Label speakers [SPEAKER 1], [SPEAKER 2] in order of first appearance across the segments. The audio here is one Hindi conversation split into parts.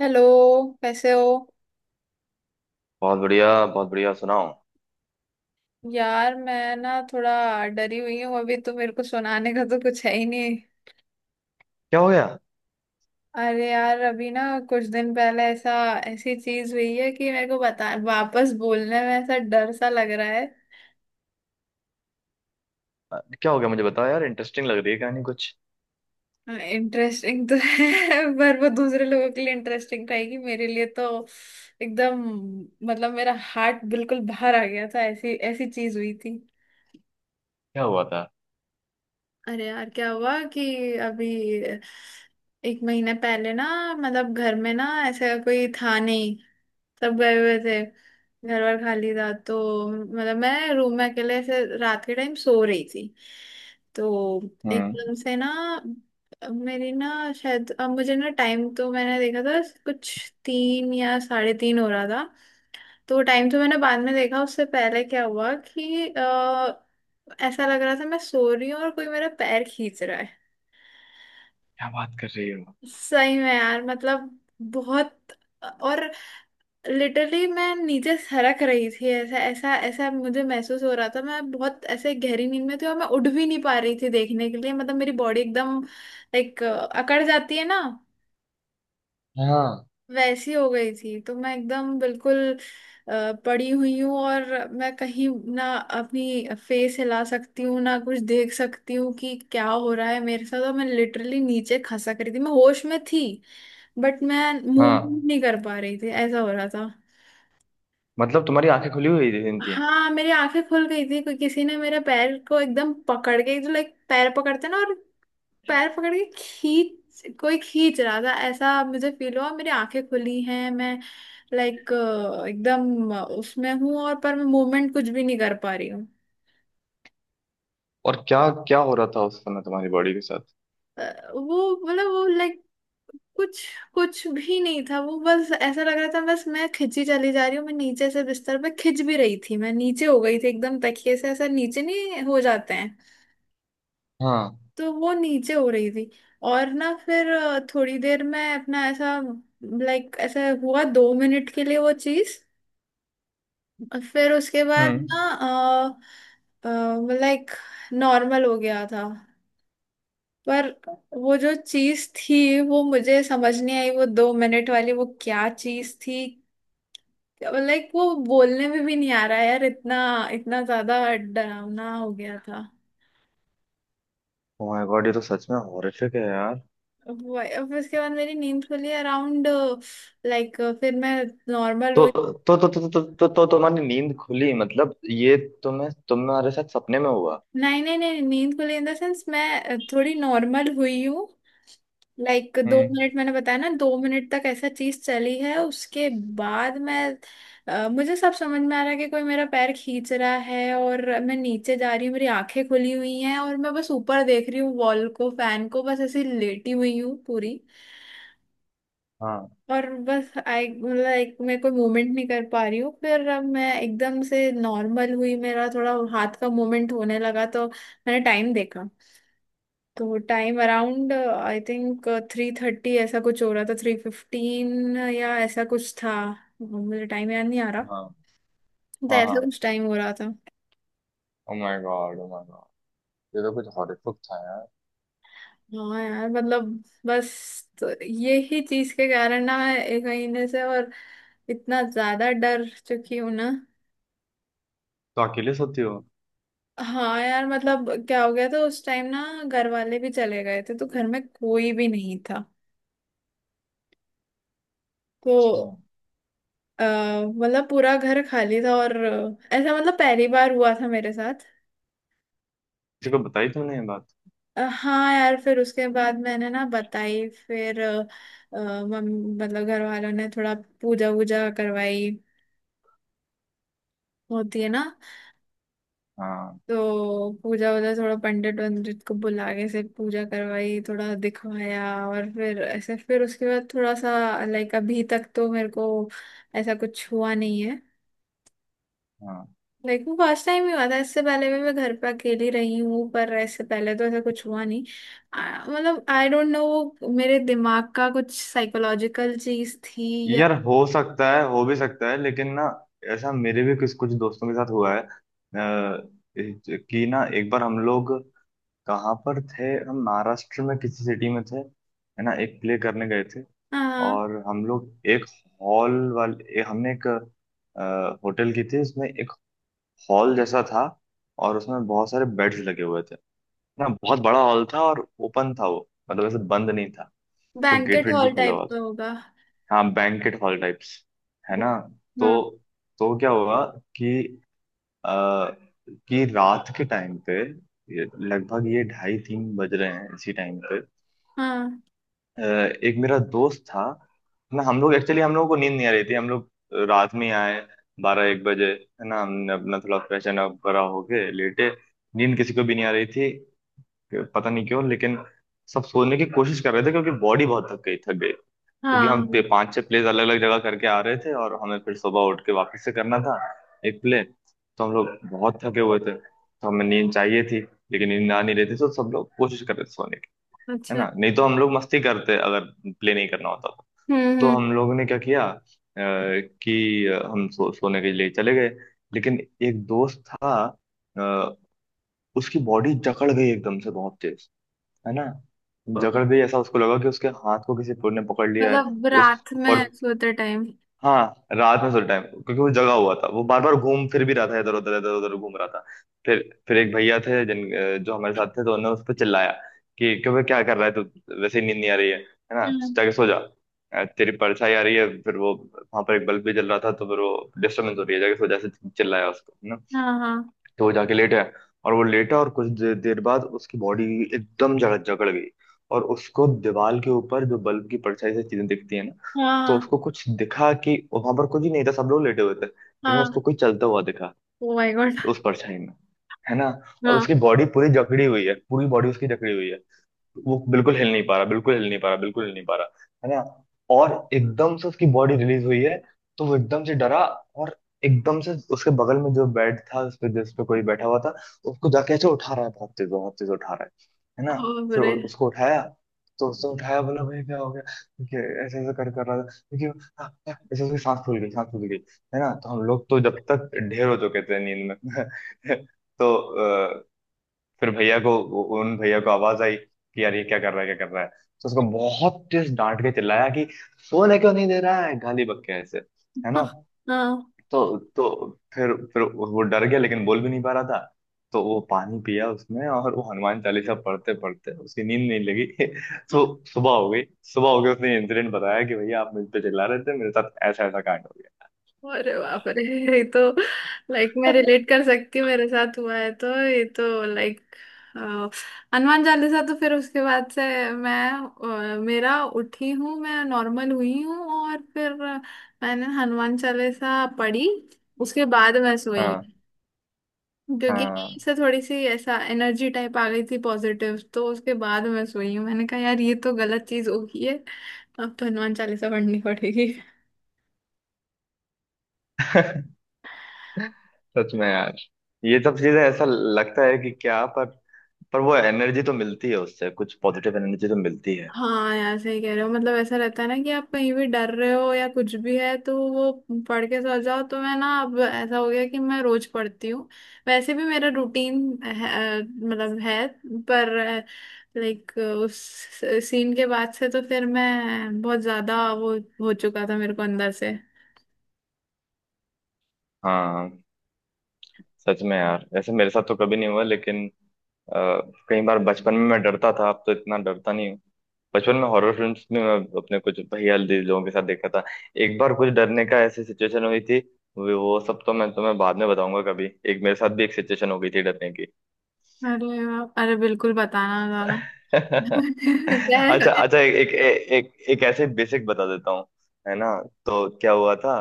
[SPEAKER 1] हेलो। कैसे हो?
[SPEAKER 2] बहुत बढ़िया, बहुत बढ़िया। सुनाओ।
[SPEAKER 1] यार मैं ना थोड़ा डरी हुई हूँ। अभी तो मेरे को सुनाने का तो कुछ है ही नहीं।
[SPEAKER 2] क्या हो गया?
[SPEAKER 1] अरे यार अभी ना, कुछ दिन पहले ऐसा, ऐसी चीज हुई है कि मेरे को बता वापस बोलने में ऐसा डर सा लग रहा
[SPEAKER 2] क्या हो गया, मुझे बताओ यार। इंटरेस्टिंग लग रही है कहानी कुछ।
[SPEAKER 1] है। इंटरेस्टिंग तो है पर वो दूसरे लोगों के लिए इंटरेस्टिंग रहेगी, मेरे लिए तो एकदम, मतलब मेरा हार्ट बिल्कुल बाहर आ गया था, ऐसी ऐसी चीज हुई थी।
[SPEAKER 2] क्या हुआ था?
[SPEAKER 1] अरे यार क्या हुआ कि अभी एक महीने पहले ना, मतलब घर में ना ऐसा कोई था नहीं, सब गए हुए थे, घर वर खाली था। तो मतलब मैं रूम में अकेले ऐसे रात के टाइम सो रही थी, तो
[SPEAKER 2] हम्म।
[SPEAKER 1] एकदम से ना मेरी ना, शायद अब मुझे ना टाइम तो मैंने देखा था कुछ तीन या साढ़े तीन हो रहा था। तो टाइम तो मैंने बाद में देखा, उससे पहले क्या हुआ कि ऐसा लग रहा था मैं सो रही हूँ और कोई मेरा पैर खींच रहा है।
[SPEAKER 2] क्या बात कर रही हो?
[SPEAKER 1] सही में यार, मतलब बहुत, और लिटरली मैं नीचे सरक रही थी, ऐसा ऐसा ऐसा मुझे महसूस हो रहा था। मैं बहुत ऐसे गहरी नींद में थी और मैं उठ भी नहीं पा रही थी देखने के लिए। मतलब मेरी बॉडी एकदम लाइक अकड़ जाती है ना,
[SPEAKER 2] हाँ,
[SPEAKER 1] वैसी हो गई थी। तो मैं एकदम बिल्कुल पड़ी हुई हूँ, और मैं कहीं ना अपनी फेस हिला सकती हूँ ना कुछ देख सकती हूँ कि क्या हो रहा है मेरे साथ। और मैं लिटरली नीचे खसक रही थी, मैं होश में थी बट मैं मूव
[SPEAKER 2] हाँ।
[SPEAKER 1] नहीं कर पा रही थी, ऐसा हो रहा था।
[SPEAKER 2] मतलब तुम्हारी आंखें खुली हुई थी?
[SPEAKER 1] हाँ मेरी आंखें खुल गई थी, कोई, किसी ने मेरे पैर को एकदम पकड़ के, जो लाइक पैर पकड़ते ना, और पैर पकड़ के खींच, कोई खींच रहा था ऐसा मुझे फील हुआ। मेरी आंखें खुली हैं, मैं लाइक एकदम उसमें हूँ, और पर मैं मूवमेंट कुछ भी नहीं कर पा रही हूँ।
[SPEAKER 2] और क्या क्या हो रहा था उस समय तुम्हारी बॉडी के साथ?
[SPEAKER 1] वो मतलब वो लाइक कुछ, कुछ भी नहीं था, वो बस ऐसा लग रहा था बस मैं खिंची चली जा रही हूँ। मैं नीचे से बिस्तर पे खिंच भी रही थी, मैं नीचे हो गई थी एकदम, तकिए से ऐसा नीचे नहीं हो जाते हैं,
[SPEAKER 2] हाँ।
[SPEAKER 1] तो वो नीचे हो रही थी। और ना फिर थोड़ी देर में अपना ऐसा लाइक ऐसा हुआ, दो मिनट के लिए वो चीज। फिर उसके बाद
[SPEAKER 2] हम्म।
[SPEAKER 1] ना लाइक नॉर्मल हो गया था। पर वो जो चीज थी वो मुझे समझ नहीं आई, वो दो मिनट वाली वो क्या चीज थी। लाइक वो बोलने में भी नहीं आ रहा यार, इतना इतना ज्यादा डरावना हो गया था
[SPEAKER 2] ओ माय गॉड, ये तो सच में हॉरिफिक है यार।
[SPEAKER 1] वो। अब उसके बाद मेरी नींद खुली अराउंड, लाइक फिर मैं नॉर्मल
[SPEAKER 2] तो
[SPEAKER 1] हुई।
[SPEAKER 2] तो तुम्हारी नींद खुली, मतलब ये तुम्हें तुम्हारे साथ सपने में हुआ?
[SPEAKER 1] नहीं नहीं नहीं, नींद खुली इन द सेंस मैं थोड़ी नॉर्मल हुई हूँ। लाइक दो
[SPEAKER 2] हम्म।
[SPEAKER 1] मिनट मैंने बताया ना, दो मिनट तक ऐसा चीज चली है, उसके बाद मैं, मुझे सब समझ में आ रहा है कि कोई मेरा पैर खींच रहा है और मैं नीचे जा रही हूँ। मेरी आंखें खुली हुई हैं और मैं बस ऊपर देख रही हूँ, वॉल को, फैन को, बस ऐसी लेटी हुई हूँ पूरी,
[SPEAKER 2] हाँ,
[SPEAKER 1] और बस आई मतलब, एक मैं कोई मूवमेंट नहीं कर पा रही हूँ। फिर अब मैं एकदम से नॉर्मल हुई, मेरा थोड़ा हाथ का मूवमेंट होने लगा, तो मैंने टाइम देखा। तो time around, I think three thirty ऐसा कुछ हो रहा था, थ्री फिफ्टीन या ऐसा कुछ था, मुझे टाइम याद नहीं आ रहा,
[SPEAKER 2] हाँ,
[SPEAKER 1] तो
[SPEAKER 2] हाँ,
[SPEAKER 1] ऐसा
[SPEAKER 2] हाँ।
[SPEAKER 1] कुछ टाइम हो रहा था।
[SPEAKER 2] Oh my god, oh my god. ये तो कुछ हॉरिफिक था यार।
[SPEAKER 1] हाँ यार मतलब बस, तो यही चीज के कारण ना मैं एक महीने से और इतना ज्यादा डर चुकी हूँ ना।
[SPEAKER 2] तो अकेले सोती हो?
[SPEAKER 1] हाँ यार, मतलब क्या हो गया था उस टाइम ना, घर वाले भी चले गए थे तो घर में कोई भी नहीं था। तो
[SPEAKER 2] अच्छा।
[SPEAKER 1] मतलब पूरा घर खाली था, और ऐसा मतलब पहली बार हुआ था मेरे साथ।
[SPEAKER 2] किसी को बताई तुमने ये बात?
[SPEAKER 1] हाँ यार, फिर उसके बाद मैंने ना बताई, फिर मतलब घर वालों ने थोड़ा पूजा वूजा करवाई, होती है ना।
[SPEAKER 2] हाँ।
[SPEAKER 1] तो पूजा वूजा, थोड़ा पंडित वंडित को बुला के से पूजा करवाई, थोड़ा दिखवाया। और फिर ऐसे फिर उसके बाद थोड़ा सा लाइक अभी तक तो मेरे को ऐसा कुछ हुआ नहीं है।
[SPEAKER 2] हाँ
[SPEAKER 1] लाइक वो फर्स्ट टाइम ही हुआ था, इससे पहले भी मैं घर पे अकेली रही हूँ पर ऐसे पहले तो ऐसा कुछ हुआ नहीं। मतलब आई डोंट नो, वो मेरे दिमाग का कुछ साइकोलॉजिकल चीज थी या।
[SPEAKER 2] यार, हो सकता है, हो भी सकता है, लेकिन ना, ऐसा मेरे भी कुछ कुछ दोस्तों के साथ हुआ है। कि ना, एक बार हम लोग कहाँ पर थे? हम महाराष्ट्र में किसी सिटी में थे, है ना। एक प्ले करने गए थे।
[SPEAKER 1] हाँ।
[SPEAKER 2] और हम लोग एक हॉल वाले, हमने एक होटल की थी, उसमें एक हॉल जैसा था। और उसमें बहुत सारे बेड्स लगे हुए थे ना, बहुत बड़ा हॉल था। और ओपन था वो, मतलब ऐसे बंद नहीं था, तो गेट
[SPEAKER 1] बैंकेट
[SPEAKER 2] वेट भी
[SPEAKER 1] हॉल
[SPEAKER 2] खुला हुआ
[SPEAKER 1] टाइप का
[SPEAKER 2] था।
[SPEAKER 1] होगा।
[SPEAKER 2] हाँ, बैंकेट हॉल टाइप्स, है ना। तो
[SPEAKER 1] हाँ।
[SPEAKER 2] तो क्या हुआ, कि आ, कि रात के टाइम पे, लगभग ये ढाई तीन बज रहे हैं इसी टाइम पे।
[SPEAKER 1] हाँ।
[SPEAKER 2] अ, एक मेरा दोस्त था ना। हम लोग एक्चुअली हम लोगों को नींद नहीं आ रही थी। हम लोग रात में आए 12-1 बजे, है ना। हमने अपना थोड़ा फ्रेशन अप करा, होके लेटे, नींद किसी को भी नहीं आ रही थी, पता नहीं क्यों। लेकिन सब सोने की कोशिश कर रहे थे क्योंकि बॉडी बहुत थक गई, थक गई। क्योंकि हम पे
[SPEAKER 1] हाँ।
[SPEAKER 2] पांच छह प्लेस, अलग अलग जगह करके आ रहे थे, और हमें फिर सुबह उठ के वापस से करना था एक प्ले, तो हम लोग बहुत थके हुए थे, तो हमें नींद चाहिए थी। लेकिन नींद आ नहीं रही थी, तो सब लोग कोशिश कर रहे थे सोने की, है
[SPEAKER 1] अच्छा।
[SPEAKER 2] ना। नहीं तो हम लोग मस्ती करते अगर प्ले नहीं करना होता तो। तो
[SPEAKER 1] हम्म।
[SPEAKER 2] हम लोगों ने क्या किया, कि हम सोने के लिए चले गए। लेकिन एक दोस्त था, अ, उसकी बॉडी जकड़ गई एकदम से बहुत तेज, है ना।
[SPEAKER 1] हम्म,
[SPEAKER 2] जकड़ गई, ऐसा उसको लगा कि उसके हाथ को किसी ने पकड़ लिया है।
[SPEAKER 1] मतलब
[SPEAKER 2] उस
[SPEAKER 1] रात में
[SPEAKER 2] और,
[SPEAKER 1] सोते टाइम।
[SPEAKER 2] हाँ रात में सोते टाइम क्योंकि वो जगा हुआ था, वो बार बार घूम फिर भी रहा था, इधर उधर घूम रहा था। फिर फिर एक भैया थे जिन जो हमारे साथ थे, तो उन्होंने उस पर चिल्लाया कि क्यों? क्या कर रहा है तू? वैसे ही नींद नहीं आ रही है ना।
[SPEAKER 1] हम्म।
[SPEAKER 2] जाके सो जा। तेरी परछाई आ रही है, फिर वो वहां पर एक बल्ब भी जल रहा था, तो फिर वो डिस्टर्बेंस हो रही है। जाके सो जा, ऐसे चिल्लाया उसको, है ना।
[SPEAKER 1] हाँ। हाँ।
[SPEAKER 2] तो वो जाके लेट है। और वो लेटा, और कुछ देर बाद उसकी बॉडी एकदम जकड़ जकड़ गई। और उसको दीवार के ऊपर जो बल्ब की परछाई से चीजें दिखती है, तो
[SPEAKER 1] हाँ।
[SPEAKER 2] उसको कुछ दिखा कि वहां पर कुछ ही नहीं था, सब लोग लेटे हुए थे, लेकिन
[SPEAKER 1] हाँ।
[SPEAKER 2] उसको कोई चलता हुआ दिखा,
[SPEAKER 1] ओ माय गॉड।
[SPEAKER 2] उस परछाई में, है ना। और
[SPEAKER 1] हाँ।
[SPEAKER 2] उसकी बॉडी पूरी जकड़ी हुई है, पूरी बॉडी उसकी जकड़ी हुई है, वो बिल्कुल हिल नहीं पा रहा, बिल्कुल हिल नहीं पा रहा, बिल्कुल हिल नहीं पा रहा, है ना। और एकदम से उसकी बॉडी रिलीज हुई है, तो वो एकदम से डरा। और एकदम से उसके बगल में जो बेड था उस पे, जिस पे कोई बैठा हुआ था, उसको जाके ऐसे उठा रहा है, बहुत तेज, बहुत तेज उठा रहा है ना।
[SPEAKER 1] ओ
[SPEAKER 2] फिर
[SPEAKER 1] बुरे।
[SPEAKER 2] उसको उठाया, तो उसने उठाया, बोला भाई क्या हो गया? कि ऐसे ऐसे कर कर रहा था, क्योंकि "आ, आ" ऐसे, उसकी सांस फूल गई, सांस फूल गई, है ना। तो हम लोग तो जब तक ढेर हो चुके थे नींद में। तो फिर भैया को, उन भैया को आवाज आई कि यार ये क्या कर रहा है? क्या कर रहा है? तो उसको बहुत तेज डांट के चिल्लाया कि सोने क्यों नहीं दे रहा है, गाली बक्के ऐसे, है
[SPEAKER 1] हाँ।
[SPEAKER 2] ना।
[SPEAKER 1] हाँ।
[SPEAKER 2] तो फिर वो डर गया, लेकिन बोल भी नहीं पा रहा था। तो वो पानी पिया उसने, और वो हनुमान चालीसा पढ़ते पढ़ते उसकी नींद नहीं लगी। तो सुबह हो गई, सुबह हो गई। उसने इंसिडेंट बताया कि भैया आप मुझ पे चिल्ला रहे थे, मेरे साथ ऐसा ऐसा कांड हो गया।
[SPEAKER 1] अरे बाप रे, ये तो, लाइक मैं रिलेट कर सकती हूँ, मेरे साथ हुआ है तो ये तो लाइक हनुमान चालीसा। तो फिर उसके बाद से मैं मेरा उठी हूँ, मैं नॉर्मल हुई हूँ, और फिर मैंने हनुमान चालीसा पढ़ी, उसके बाद मैं सोई।
[SPEAKER 2] हाँ,
[SPEAKER 1] क्योंकि
[SPEAKER 2] हाँ।
[SPEAKER 1] इससे थोड़ी सी ऐसा एनर्जी टाइप आ गई थी पॉजिटिव, तो उसके बाद मैं सोई हूँ। मैंने कहा यार ये तो गलत चीज हो गई है, अब तो हनुमान चालीसा पढ़नी पड़ेगी।
[SPEAKER 2] सच में यार, ये सब चीजें ऐसा लगता है कि क्या, पर वो एनर्जी तो मिलती है उससे, कुछ पॉजिटिव एनर्जी तो मिलती है।
[SPEAKER 1] हाँ यार सही कह रहे हो, मतलब ऐसा रहता है ना कि आप कहीं भी डर रहे हो या कुछ भी है तो वो पढ़ के सो जाओ। तो मैं ना अब ऐसा हो गया कि मैं रोज पढ़ती हूँ, वैसे भी मेरा रूटीन है, मतलब है, पर लाइक उस सीन के बाद से तो फिर मैं बहुत ज्यादा वो हो चुका था मेरे को अंदर से।
[SPEAKER 2] हाँ, सच में यार। ऐसे मेरे साथ तो कभी नहीं हुआ, लेकिन कई बार बचपन में मैं डरता था, अब तो इतना डरता नहीं हूँ। बचपन में हॉरर फिल्म्स में मैं अपने कुछ भैया लोगों के साथ देखा था। एक बार कुछ डरने का ऐसी सिचुएशन हुई थी, वो सब तो मैं तुम्हें बाद में बताऊंगा कभी। एक मेरे साथ भी एक सिचुएशन हो गई थी डरने की।
[SPEAKER 1] अरे वाह, अरे बिल्कुल बताना गाना। क्या
[SPEAKER 2] अच्छा,
[SPEAKER 1] है?
[SPEAKER 2] अच्छा। एक एक एक एक ऐसे बेसिक बता देता हूँ, है ना। तो क्या हुआ था?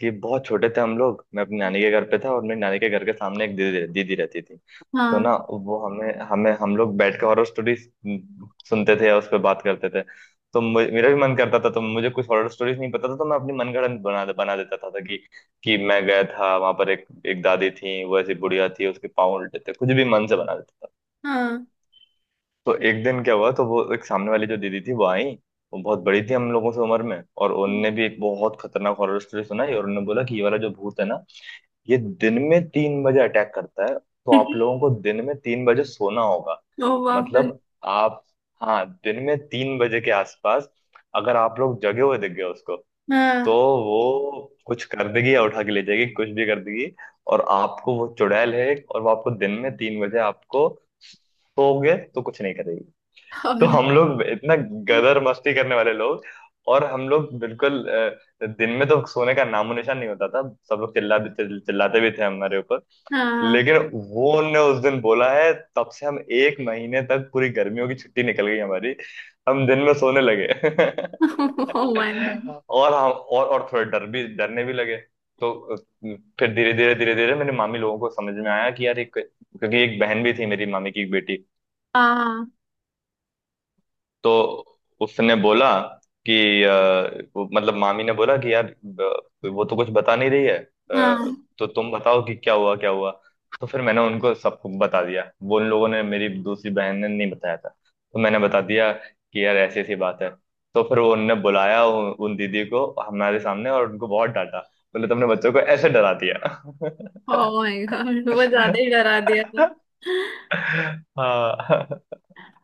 [SPEAKER 2] कि बहुत छोटे थे हम लोग। मैं अपनी नानी के घर पे था, और मेरी नानी के घर के सामने एक दीदी दीदी रहती थी। तो
[SPEAKER 1] हाँ।
[SPEAKER 2] ना वो हमें हमें हम लोग बैठ के हॉरर स्टोरी सुनते थे, या उस पर बात करते थे। तो मेरा भी मन करता था, तो मुझे कुछ हॉरर स्टोरीज नहीं पता था, तो मैं अपनी मनगढ़ंत बना बना देता था कि मैं गया था वहां पर, एक एक दादी थी, वो ऐसी बुढ़िया थी, उसके पाँव उल्टे थे, कुछ भी मन से बना देता था।
[SPEAKER 1] हाँ।
[SPEAKER 2] तो एक दिन क्या हुआ? तो वो एक सामने वाली जो दीदी थी वो आई, वो बहुत बड़ी थी हम लोगों से उम्र में। और उनने भी एक बहुत खतरनाक हॉरर स्टोरी सुनाई, और उन्होंने बोला कि ये वाला जो भूत है ना, ये दिन में 3 बजे अटैक करता है, तो आप लोगों को दिन में 3 बजे सोना होगा।
[SPEAKER 1] ओ बाप रे।
[SPEAKER 2] मतलब आप, हाँ, दिन में 3 बजे के आसपास अगर आप लोग जगे हुए दिख गए उसको,
[SPEAKER 1] हाँ।
[SPEAKER 2] तो वो कुछ कर देगी, या उठा के ले जाएगी, कुछ भी कर देगी। और आपको वो चुड़ैल है, और वो आपको दिन में 3 बजे, आपको सोओगे तो कुछ नहीं करेगी। तो
[SPEAKER 1] और
[SPEAKER 2] हम लोग इतना गदर मस्ती करने वाले लोग, और हम लोग बिल्कुल, दिन में तो सोने का नामो निशान नहीं होता था। सब लोग चिल्ला भी चिल्लाते भी थे हमारे ऊपर।
[SPEAKER 1] हाँ।
[SPEAKER 2] लेकिन वो ने उस दिन बोला है, तब से हम एक महीने तक, पूरी गर्मियों की छुट्टी निकल गई हमारी, हम दिन में सोने लगे।
[SPEAKER 1] ओ माय गॉड।
[SPEAKER 2] और हम, और थोड़े डर भी डरने भी लगे। तो फिर धीरे धीरे मेरी मामी लोगों को समझ में आया, कि यार एक, क्योंकि एक बहन भी थी मेरी मामी की, एक बेटी।
[SPEAKER 1] हाँ।
[SPEAKER 2] तो उसने बोला कि वो, मतलब मामी ने बोला कि यार वो तो कुछ बता नहीं रही है,
[SPEAKER 1] हाँ,
[SPEAKER 2] तो तुम बताओ कि क्या हुआ, क्या हुआ। तो फिर मैंने उनको, सबको बता दिया। वो उन लोगों ने, मेरी दूसरी बहन ने नहीं बताया था, तो मैंने बता दिया कि यार ऐसी ऐसी बात है। तो फिर वो उनने बुलाया उन दीदी को हमारे सामने, और उनको बहुत डांटा, बोले तुमने बच्चों को ऐसे डरा दिया।
[SPEAKER 1] ओ माय गॉड, वो ज्यादा ही डरा दिया था।
[SPEAKER 2] हाँ।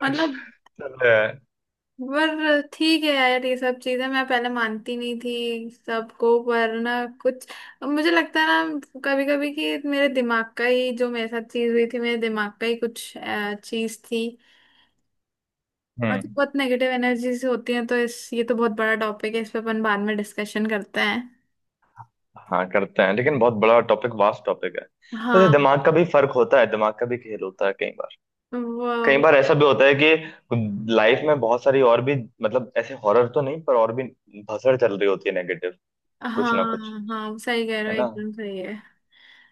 [SPEAKER 1] मतलब,
[SPEAKER 2] चलो यार।
[SPEAKER 1] पर ठीक है यार, ये सब चीजें मैं पहले मानती नहीं थी सबको, पर ना कुछ मुझे लगता है ना कभी कभी कि मेरे दिमाग का ही, जो मेरे साथ चीज हुई थी मेरे दिमाग का ही कुछ चीज थी। और तो
[SPEAKER 2] हम्म।
[SPEAKER 1] बहुत नेगेटिव एनर्जीज होती हैं, तो इस, ये तो बहुत बड़ा टॉपिक है, इस पे अपन बाद में डिस्कशन करते हैं।
[SPEAKER 2] हाँ, करते हैं, लेकिन बहुत बड़ा टॉपिक, वास्ट टॉपिक है। वैसे
[SPEAKER 1] हाँ।
[SPEAKER 2] दिमाग का भी फर्क होता है, दिमाग का भी खेल होता है कई बार। कई
[SPEAKER 1] वो।
[SPEAKER 2] बार ऐसा भी होता है कि लाइफ में बहुत सारी और भी, मतलब ऐसे हॉरर तो नहीं, पर और भी भसड़ चल रही होती है नेगेटिव, कुछ ना
[SPEAKER 1] हाँ
[SPEAKER 2] कुछ,
[SPEAKER 1] हाँ सही कह रहे
[SPEAKER 2] है
[SPEAKER 1] हो,
[SPEAKER 2] ना,
[SPEAKER 1] एकदम सही है।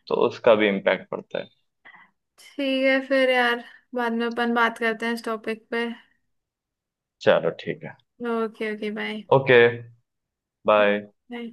[SPEAKER 2] तो उसका भी इम्पैक्ट पड़ता है।
[SPEAKER 1] ठीक है फिर यार, बाद में अपन बात करते हैं इस टॉपिक पे।
[SPEAKER 2] चलो ठीक है।
[SPEAKER 1] Okay okay, bye.
[SPEAKER 2] Okay, bye.
[SPEAKER 1] Bye.